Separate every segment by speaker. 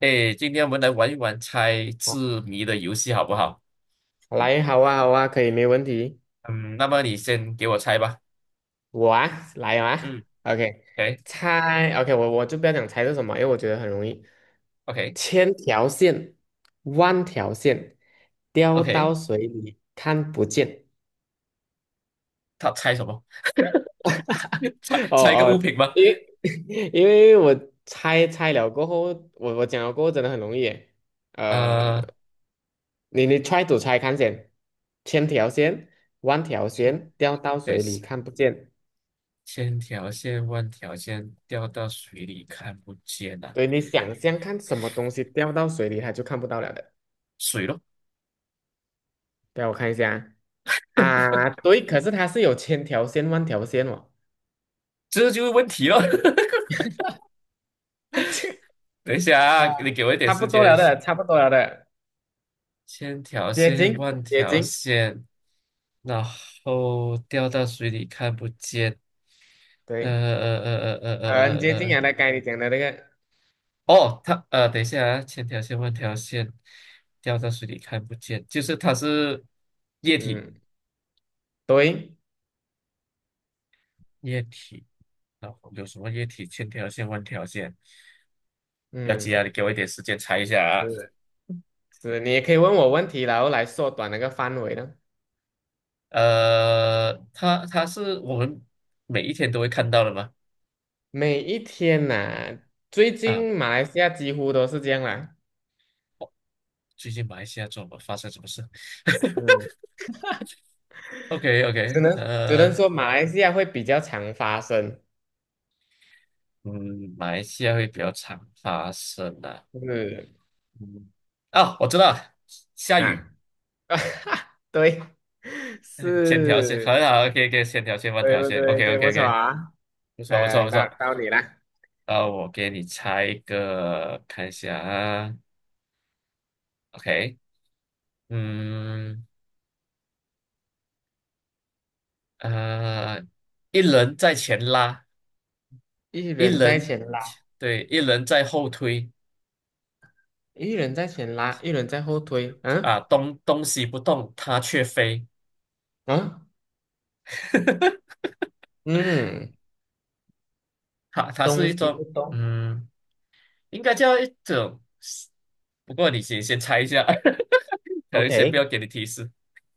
Speaker 1: 哎，今天我们来玩一玩猜
Speaker 2: 好
Speaker 1: 字谜的游戏，好不好？
Speaker 2: 来，好啊，好啊，可以，没问题。
Speaker 1: 嗯，那么你先给我猜吧。
Speaker 2: 我啊，来
Speaker 1: 嗯
Speaker 2: 啊，OK，猜，OK，我就不要讲猜是什么，因为我觉得很容易。千条线，万条线，掉到
Speaker 1: ，OK，OK，OK，
Speaker 2: 水里看不见。
Speaker 1: 他猜什么？猜
Speaker 2: 哦
Speaker 1: 猜一个物
Speaker 2: 哦，
Speaker 1: 品吗？
Speaker 2: 因为 因为我猜了过后，我讲了过后真的很容易耶。呃，
Speaker 1: 啊
Speaker 2: 你 try to 猜看见，千条线，万条线，掉到
Speaker 1: 等一
Speaker 2: 水
Speaker 1: 下，
Speaker 2: 里看不见。
Speaker 1: 千条线万条线掉到水里看不见啊，
Speaker 2: 对，你想象看什么东西掉到水里，它就看不到了的。
Speaker 1: 水咯，
Speaker 2: 对，我看一下啊，啊对，可是它是有千条线、万条线哦。
Speaker 1: 这就是问题咯。等一下
Speaker 2: 啊，
Speaker 1: 啊，你给我一点
Speaker 2: 差
Speaker 1: 时
Speaker 2: 不多
Speaker 1: 间
Speaker 2: 了
Speaker 1: 想。
Speaker 2: 的，差不多了的，
Speaker 1: 千条
Speaker 2: 接
Speaker 1: 线
Speaker 2: 近，
Speaker 1: 万
Speaker 2: 接
Speaker 1: 条
Speaker 2: 近，
Speaker 1: 线，然后掉到水里看不见。呃
Speaker 2: 对，
Speaker 1: 呃呃呃呃
Speaker 2: 很
Speaker 1: 呃
Speaker 2: 接
Speaker 1: 呃
Speaker 2: 近啊，
Speaker 1: 呃。
Speaker 2: 大概你讲的那个，
Speaker 1: 哦，等一下啊，千条线万条线掉到水里看不见，就是它是液体，
Speaker 2: 嗯，对，
Speaker 1: 液体。然后有什么液体？千条线万条线，不要急啊，
Speaker 2: 嗯，
Speaker 1: 你给我一点时间猜一下啊。
Speaker 2: 是是，你也可以问我问题，然后来缩短那个范围呢。
Speaker 1: 呃，它是我们每一天都会看到的吗？
Speaker 2: 每一天呐、最
Speaker 1: 啊，
Speaker 2: 近马来西亚几乎都是这样啦，
Speaker 1: 哦最近马来西亚怎么发生什么事
Speaker 2: 嗯，
Speaker 1: ？OK
Speaker 2: 只
Speaker 1: OK，
Speaker 2: 能只能
Speaker 1: 呃，
Speaker 2: 说马来西亚会比较常发生，
Speaker 1: 嗯，马来西亚会比较常发生的、
Speaker 2: 是。
Speaker 1: 嗯，啊，我知道了下雨。
Speaker 2: 啊，对，
Speaker 1: 嗯千条线很
Speaker 2: 是，
Speaker 1: 好，OK OK，千条线万
Speaker 2: 对
Speaker 1: 条
Speaker 2: 不
Speaker 1: 线
Speaker 2: 对？
Speaker 1: ，OK
Speaker 2: 对
Speaker 1: OK
Speaker 2: 不错
Speaker 1: OK，
Speaker 2: 啊，
Speaker 1: 不错
Speaker 2: 来
Speaker 1: 不错
Speaker 2: 来
Speaker 1: 不
Speaker 2: 到
Speaker 1: 错。
Speaker 2: 到你啦，
Speaker 1: 呃，我给你猜一个，看一下啊，OK，嗯呃，一人在前拉，
Speaker 2: 一
Speaker 1: 一
Speaker 2: 人在
Speaker 1: 人
Speaker 2: 前拉，
Speaker 1: 对，一人在后推
Speaker 2: 一人在前拉，一人在后推，嗯
Speaker 1: 啊，东西不动，它却飞，
Speaker 2: 嗯 嗯，
Speaker 1: 它是
Speaker 2: 东
Speaker 1: 一
Speaker 2: 西不
Speaker 1: 种
Speaker 2: 动
Speaker 1: 嗯，应该叫一种，不过你先猜一下，可能先不
Speaker 2: ，OK，
Speaker 1: 要给你提示，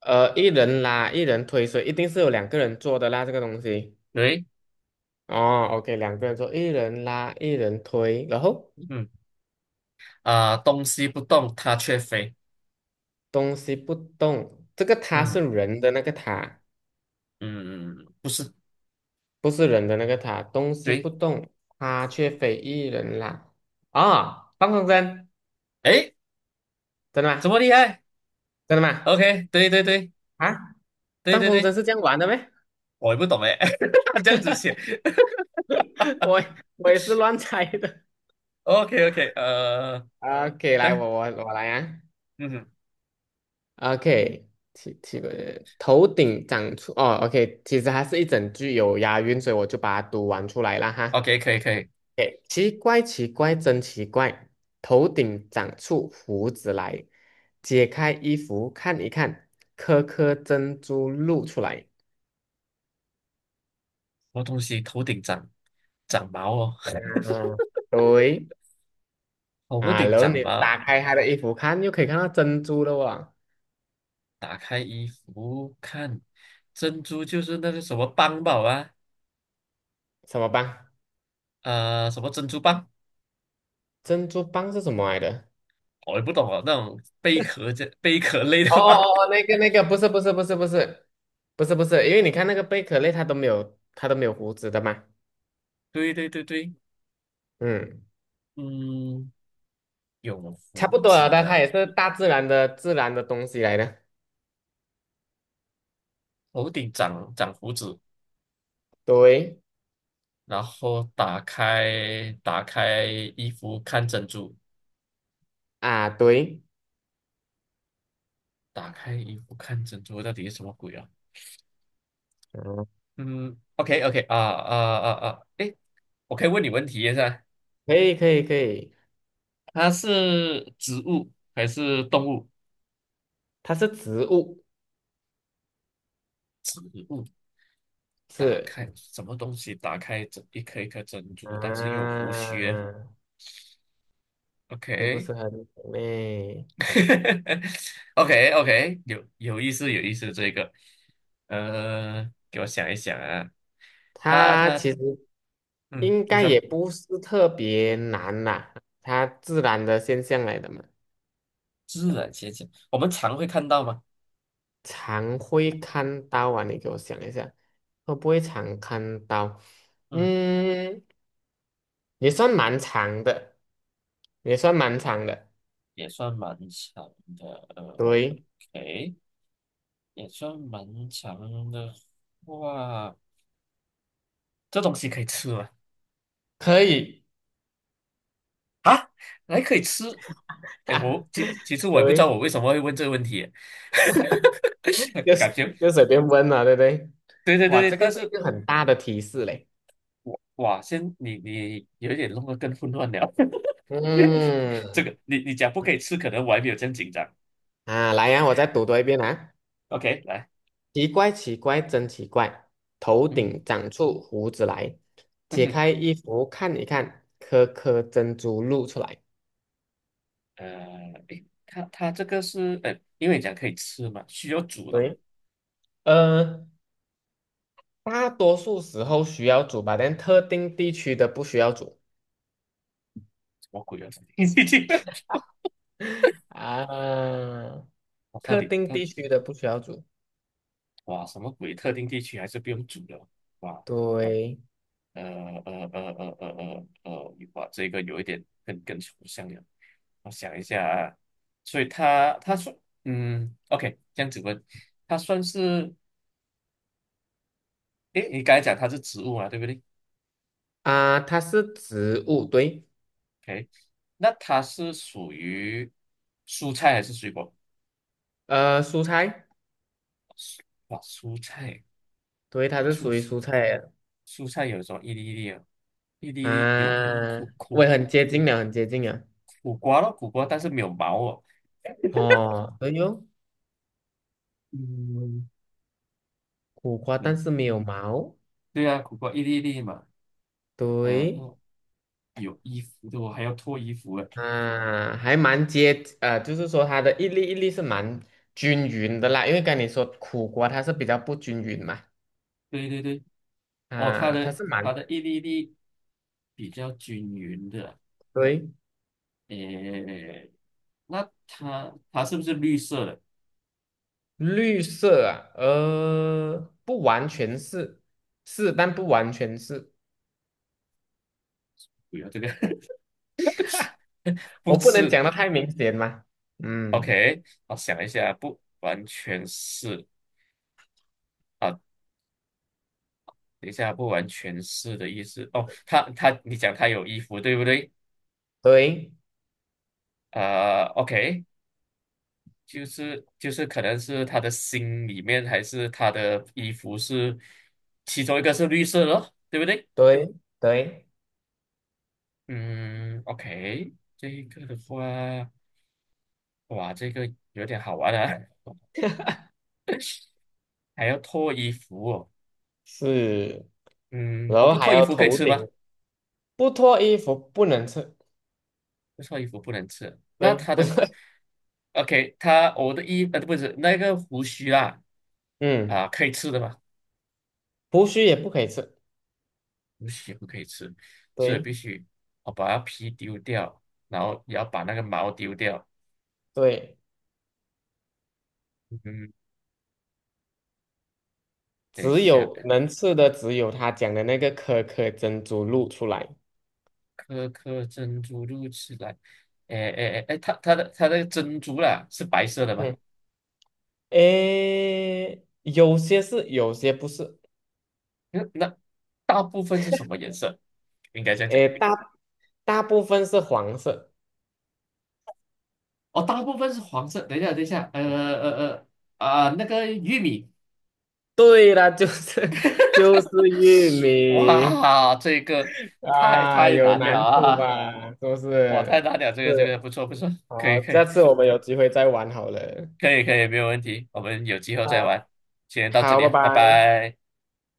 Speaker 2: 一人拉，一人推，所以一定是有两个人做的啦，这个东西，
Speaker 1: 对，
Speaker 2: 哦，OK，两个人做，一人拉，一人推，然后
Speaker 1: 嗯。啊、东西不动它却飞。
Speaker 2: 东西不动，这个它是
Speaker 1: 嗯
Speaker 2: 人的那个它。
Speaker 1: 嗯，不是，
Speaker 2: 不是人的那个塔，东西不
Speaker 1: 对，
Speaker 2: 动，它却非一人啦。哦，放风筝，
Speaker 1: 诶，
Speaker 2: 真的
Speaker 1: 这么
Speaker 2: 吗？
Speaker 1: 厉害
Speaker 2: 真的吗？
Speaker 1: ？OK，对对对
Speaker 2: 啊，
Speaker 1: 对
Speaker 2: 放
Speaker 1: 对
Speaker 2: 风筝
Speaker 1: 对，
Speaker 2: 是这样玩的咩？
Speaker 1: 我也不懂诶，他这样子写。
Speaker 2: 我我也是乱猜的。
Speaker 1: OK OK，呃，
Speaker 2: OK，来，
Speaker 1: 啊，
Speaker 2: 我来啊。
Speaker 1: 嗯
Speaker 2: OK，奇怪的，头顶长出哦，OK，其实还是一整句有押韵，所以我就把它读完出来了哈。
Speaker 1: ，OK，可以可以。什
Speaker 2: OK，奇怪，奇怪，真奇怪，头顶长出胡子来，解开衣服看一看，颗颗珍珠露出来。
Speaker 1: 么东西头顶长长毛哦？
Speaker 2: 嗯，对
Speaker 1: 头
Speaker 2: 啊，
Speaker 1: 顶
Speaker 2: 然后
Speaker 1: 长
Speaker 2: 你
Speaker 1: 毛，
Speaker 2: 打开他的衣服看，又可以看到珍珠了哇，
Speaker 1: 打开衣服看，珍珠就是那个什么邦宝啊，
Speaker 2: 什么棒？
Speaker 1: 呃，什么珍珠蚌，
Speaker 2: 珍珠棒是什么来的？
Speaker 1: 我也不懂啊，那种贝壳这贝壳类的
Speaker 2: 哦
Speaker 1: 吧？
Speaker 2: 哦哦，那 个那个不是不是不是不是不是不是，因为你看那个贝壳类，它都没有胡子的嘛，
Speaker 1: 对对对对，
Speaker 2: 嗯，
Speaker 1: 嗯，有
Speaker 2: 差不
Speaker 1: 胡
Speaker 2: 多了
Speaker 1: 子
Speaker 2: 的，它
Speaker 1: 的，
Speaker 2: 也是大自然的自然的东西来的，
Speaker 1: 头顶长长胡子，
Speaker 2: 对
Speaker 1: 然后打开衣服看珍珠，
Speaker 2: 啊对，
Speaker 1: 打开衣服看珍珠，到底是什么鬼啊？
Speaker 2: 嗯，
Speaker 1: 嗯，OK OK 啊啊啊啊，诶，我可以问你问题一下，
Speaker 2: 可以可以可以，
Speaker 1: 它是植物还是动物？
Speaker 2: 它是植物
Speaker 1: 植物打
Speaker 2: 是
Speaker 1: 开什么东西？打开这一颗一颗珍珠，但是又有胡须。
Speaker 2: 啊，是不
Speaker 1: OK，
Speaker 2: 是很美？
Speaker 1: OK OK，有有意思有意思，这个，呃，给我想一想啊，他
Speaker 2: 它
Speaker 1: 他他，
Speaker 2: 其实
Speaker 1: 嗯，
Speaker 2: 应
Speaker 1: 你
Speaker 2: 该
Speaker 1: 说
Speaker 2: 也不是特别难啦，它自然的现象来的嘛，
Speaker 1: 自然现象，我们常会看到吗？
Speaker 2: 常会看到啊，你给我想一下，会不会常看到？
Speaker 1: 嗯，
Speaker 2: 嗯，也算蛮长的，也算蛮长的，
Speaker 1: 也算蛮强的呃
Speaker 2: 对，
Speaker 1: ，OK，也算蛮强的哇，这东西可以吃吗？
Speaker 2: 可以，
Speaker 1: 啊，还可以吃？哎，
Speaker 2: 哈，
Speaker 1: 我其实我也不知道
Speaker 2: 对，
Speaker 1: 我为什么会问这个问题，
Speaker 2: 就
Speaker 1: 感
Speaker 2: 是
Speaker 1: 觉
Speaker 2: 就随便问了，对不对？
Speaker 1: 对对对
Speaker 2: 哇，
Speaker 1: 对，
Speaker 2: 这个
Speaker 1: 但
Speaker 2: 是一
Speaker 1: 是
Speaker 2: 个很大的提示嘞。
Speaker 1: 我哇，先你有一点弄得更混乱了。这
Speaker 2: 嗯，
Speaker 1: 个你讲不可以吃，可能我还没有这样紧张。
Speaker 2: 啊，来呀、我再读多一遍啊。
Speaker 1: OK，来，
Speaker 2: 奇怪，奇怪，真奇怪，头
Speaker 1: 嗯
Speaker 2: 顶长出胡子来，
Speaker 1: 嗯
Speaker 2: 解
Speaker 1: 哼，
Speaker 2: 开衣服看一看，颗颗珍珠露出来。
Speaker 1: 呃，诶，它这个是，呃，因为你讲可以吃嘛，需要煮的嘛，
Speaker 2: 对。呃，大多数时候需要煮吧，但特定地区的不需要煮
Speaker 1: 什么鬼啊？
Speaker 2: 啊，
Speaker 1: 我到
Speaker 2: 特
Speaker 1: 底
Speaker 2: 定
Speaker 1: 它
Speaker 2: 地区的不需要煮。
Speaker 1: 哇什么鬼？特定地区还是不用煮的？哇，
Speaker 2: 对
Speaker 1: 呃哇，这个有一点更更抽象了。我想一下啊，所以它说，嗯，OK，这样子问，它算是，诶，你刚才讲它是植物嘛，对不对？
Speaker 2: 啊，它是植物，对，
Speaker 1: OK，那它是属于蔬菜还是水果？
Speaker 2: 蔬菜，
Speaker 1: 哇，蔬菜，
Speaker 2: 对，它是属于
Speaker 1: 蔬
Speaker 2: 蔬菜的
Speaker 1: 蔬菜有什么一粒一粒啊？一粒一粒有有
Speaker 2: 啊，
Speaker 1: 苦
Speaker 2: 我
Speaker 1: 苦
Speaker 2: 也很接近了，很接近了。
Speaker 1: 苦瓜咯，苦瓜，但是没有毛哦。
Speaker 2: 哦，对哟，
Speaker 1: 嗯
Speaker 2: 苦瓜，但
Speaker 1: 嗯，
Speaker 2: 是没有
Speaker 1: 嗯
Speaker 2: 毛，
Speaker 1: 对啊，苦瓜一粒一粒嘛。嗯、呃、
Speaker 2: 对。
Speaker 1: 哦，有衣服的，我还要脱衣服诶。
Speaker 2: 啊，还蛮接，就是说它的一粒一粒是蛮均匀的啦，因为跟你说苦瓜它是比较不均匀嘛，
Speaker 1: 对对对，哦，它
Speaker 2: 啊，它
Speaker 1: 的
Speaker 2: 是
Speaker 1: 它
Speaker 2: 蛮
Speaker 1: 的一粒一粒比较均匀的。
Speaker 2: 对
Speaker 1: 诶，那它是不是绿色的？
Speaker 2: 绿色啊，不完全是，但不完全是，
Speaker 1: 不要这个，不
Speaker 2: 我不能
Speaker 1: 吃。
Speaker 2: 讲的太明显嘛，嗯，
Speaker 1: OK，我想一下，不完全是啊，等一下，不完全是的意思哦。他他，你讲他有衣服，对不对？
Speaker 2: 对
Speaker 1: 呃，OK，就是可能是他的心里面，还是他的衣服是其中一个是绿色的咯，对不对？
Speaker 2: 对对，
Speaker 1: 嗯，OK，这个的话，哇，这个有点好玩啊，还要脱衣服哦。
Speaker 2: 是，
Speaker 1: 嗯，
Speaker 2: 然
Speaker 1: 我
Speaker 2: 后
Speaker 1: 不
Speaker 2: 还
Speaker 1: 脱衣
Speaker 2: 有
Speaker 1: 服可以
Speaker 2: 头
Speaker 1: 吃
Speaker 2: 顶
Speaker 1: 吗？
Speaker 2: 不脱衣服不能吃，
Speaker 1: 这臭衣服不能吃。那
Speaker 2: 对，
Speaker 1: 他
Speaker 2: 不
Speaker 1: 的
Speaker 2: 是，
Speaker 1: OK，他我的衣呃不是那个胡须啦
Speaker 2: 嗯，
Speaker 1: 啊，可以吃的嘛？
Speaker 2: 胡须也不可以吃，
Speaker 1: 胡须不可以吃，所以
Speaker 2: 对
Speaker 1: 必须我把它皮丢掉，然后也要把那个毛丢掉。
Speaker 2: 对。
Speaker 1: 嗯，等一
Speaker 2: 只
Speaker 1: 下，
Speaker 2: 有能吃的只有他讲的那个可可珍珠露出来。
Speaker 1: 颗颗珍珠露出来。哎哎哎哎，它它的它的珍珠啦是白色的吗？
Speaker 2: 嗯，诶，有些是，有些不是。
Speaker 1: 嗯那大部分是什么颜色？应该这样讲。
Speaker 2: 诶，大部分是黄色。
Speaker 1: 哦，大部分是黄色。等一下，等一下，啊、那个玉米
Speaker 2: 对了，就是 就是玉 米
Speaker 1: 哇，这个太
Speaker 2: 啊，
Speaker 1: 太
Speaker 2: 有
Speaker 1: 难了
Speaker 2: 难度
Speaker 1: 啊！
Speaker 2: 吧？是不
Speaker 1: 哇，太
Speaker 2: 是？
Speaker 1: 难了，这个这个
Speaker 2: 是，
Speaker 1: 不错不错，可以
Speaker 2: 好，
Speaker 1: 可
Speaker 2: 下
Speaker 1: 以
Speaker 2: 次我们有机会再玩好了。
Speaker 1: 可以可以，没有问题，我们有机会再
Speaker 2: 好，
Speaker 1: 玩，先到这
Speaker 2: 好，
Speaker 1: 里
Speaker 2: 拜
Speaker 1: 啊，拜
Speaker 2: 拜。
Speaker 1: 拜。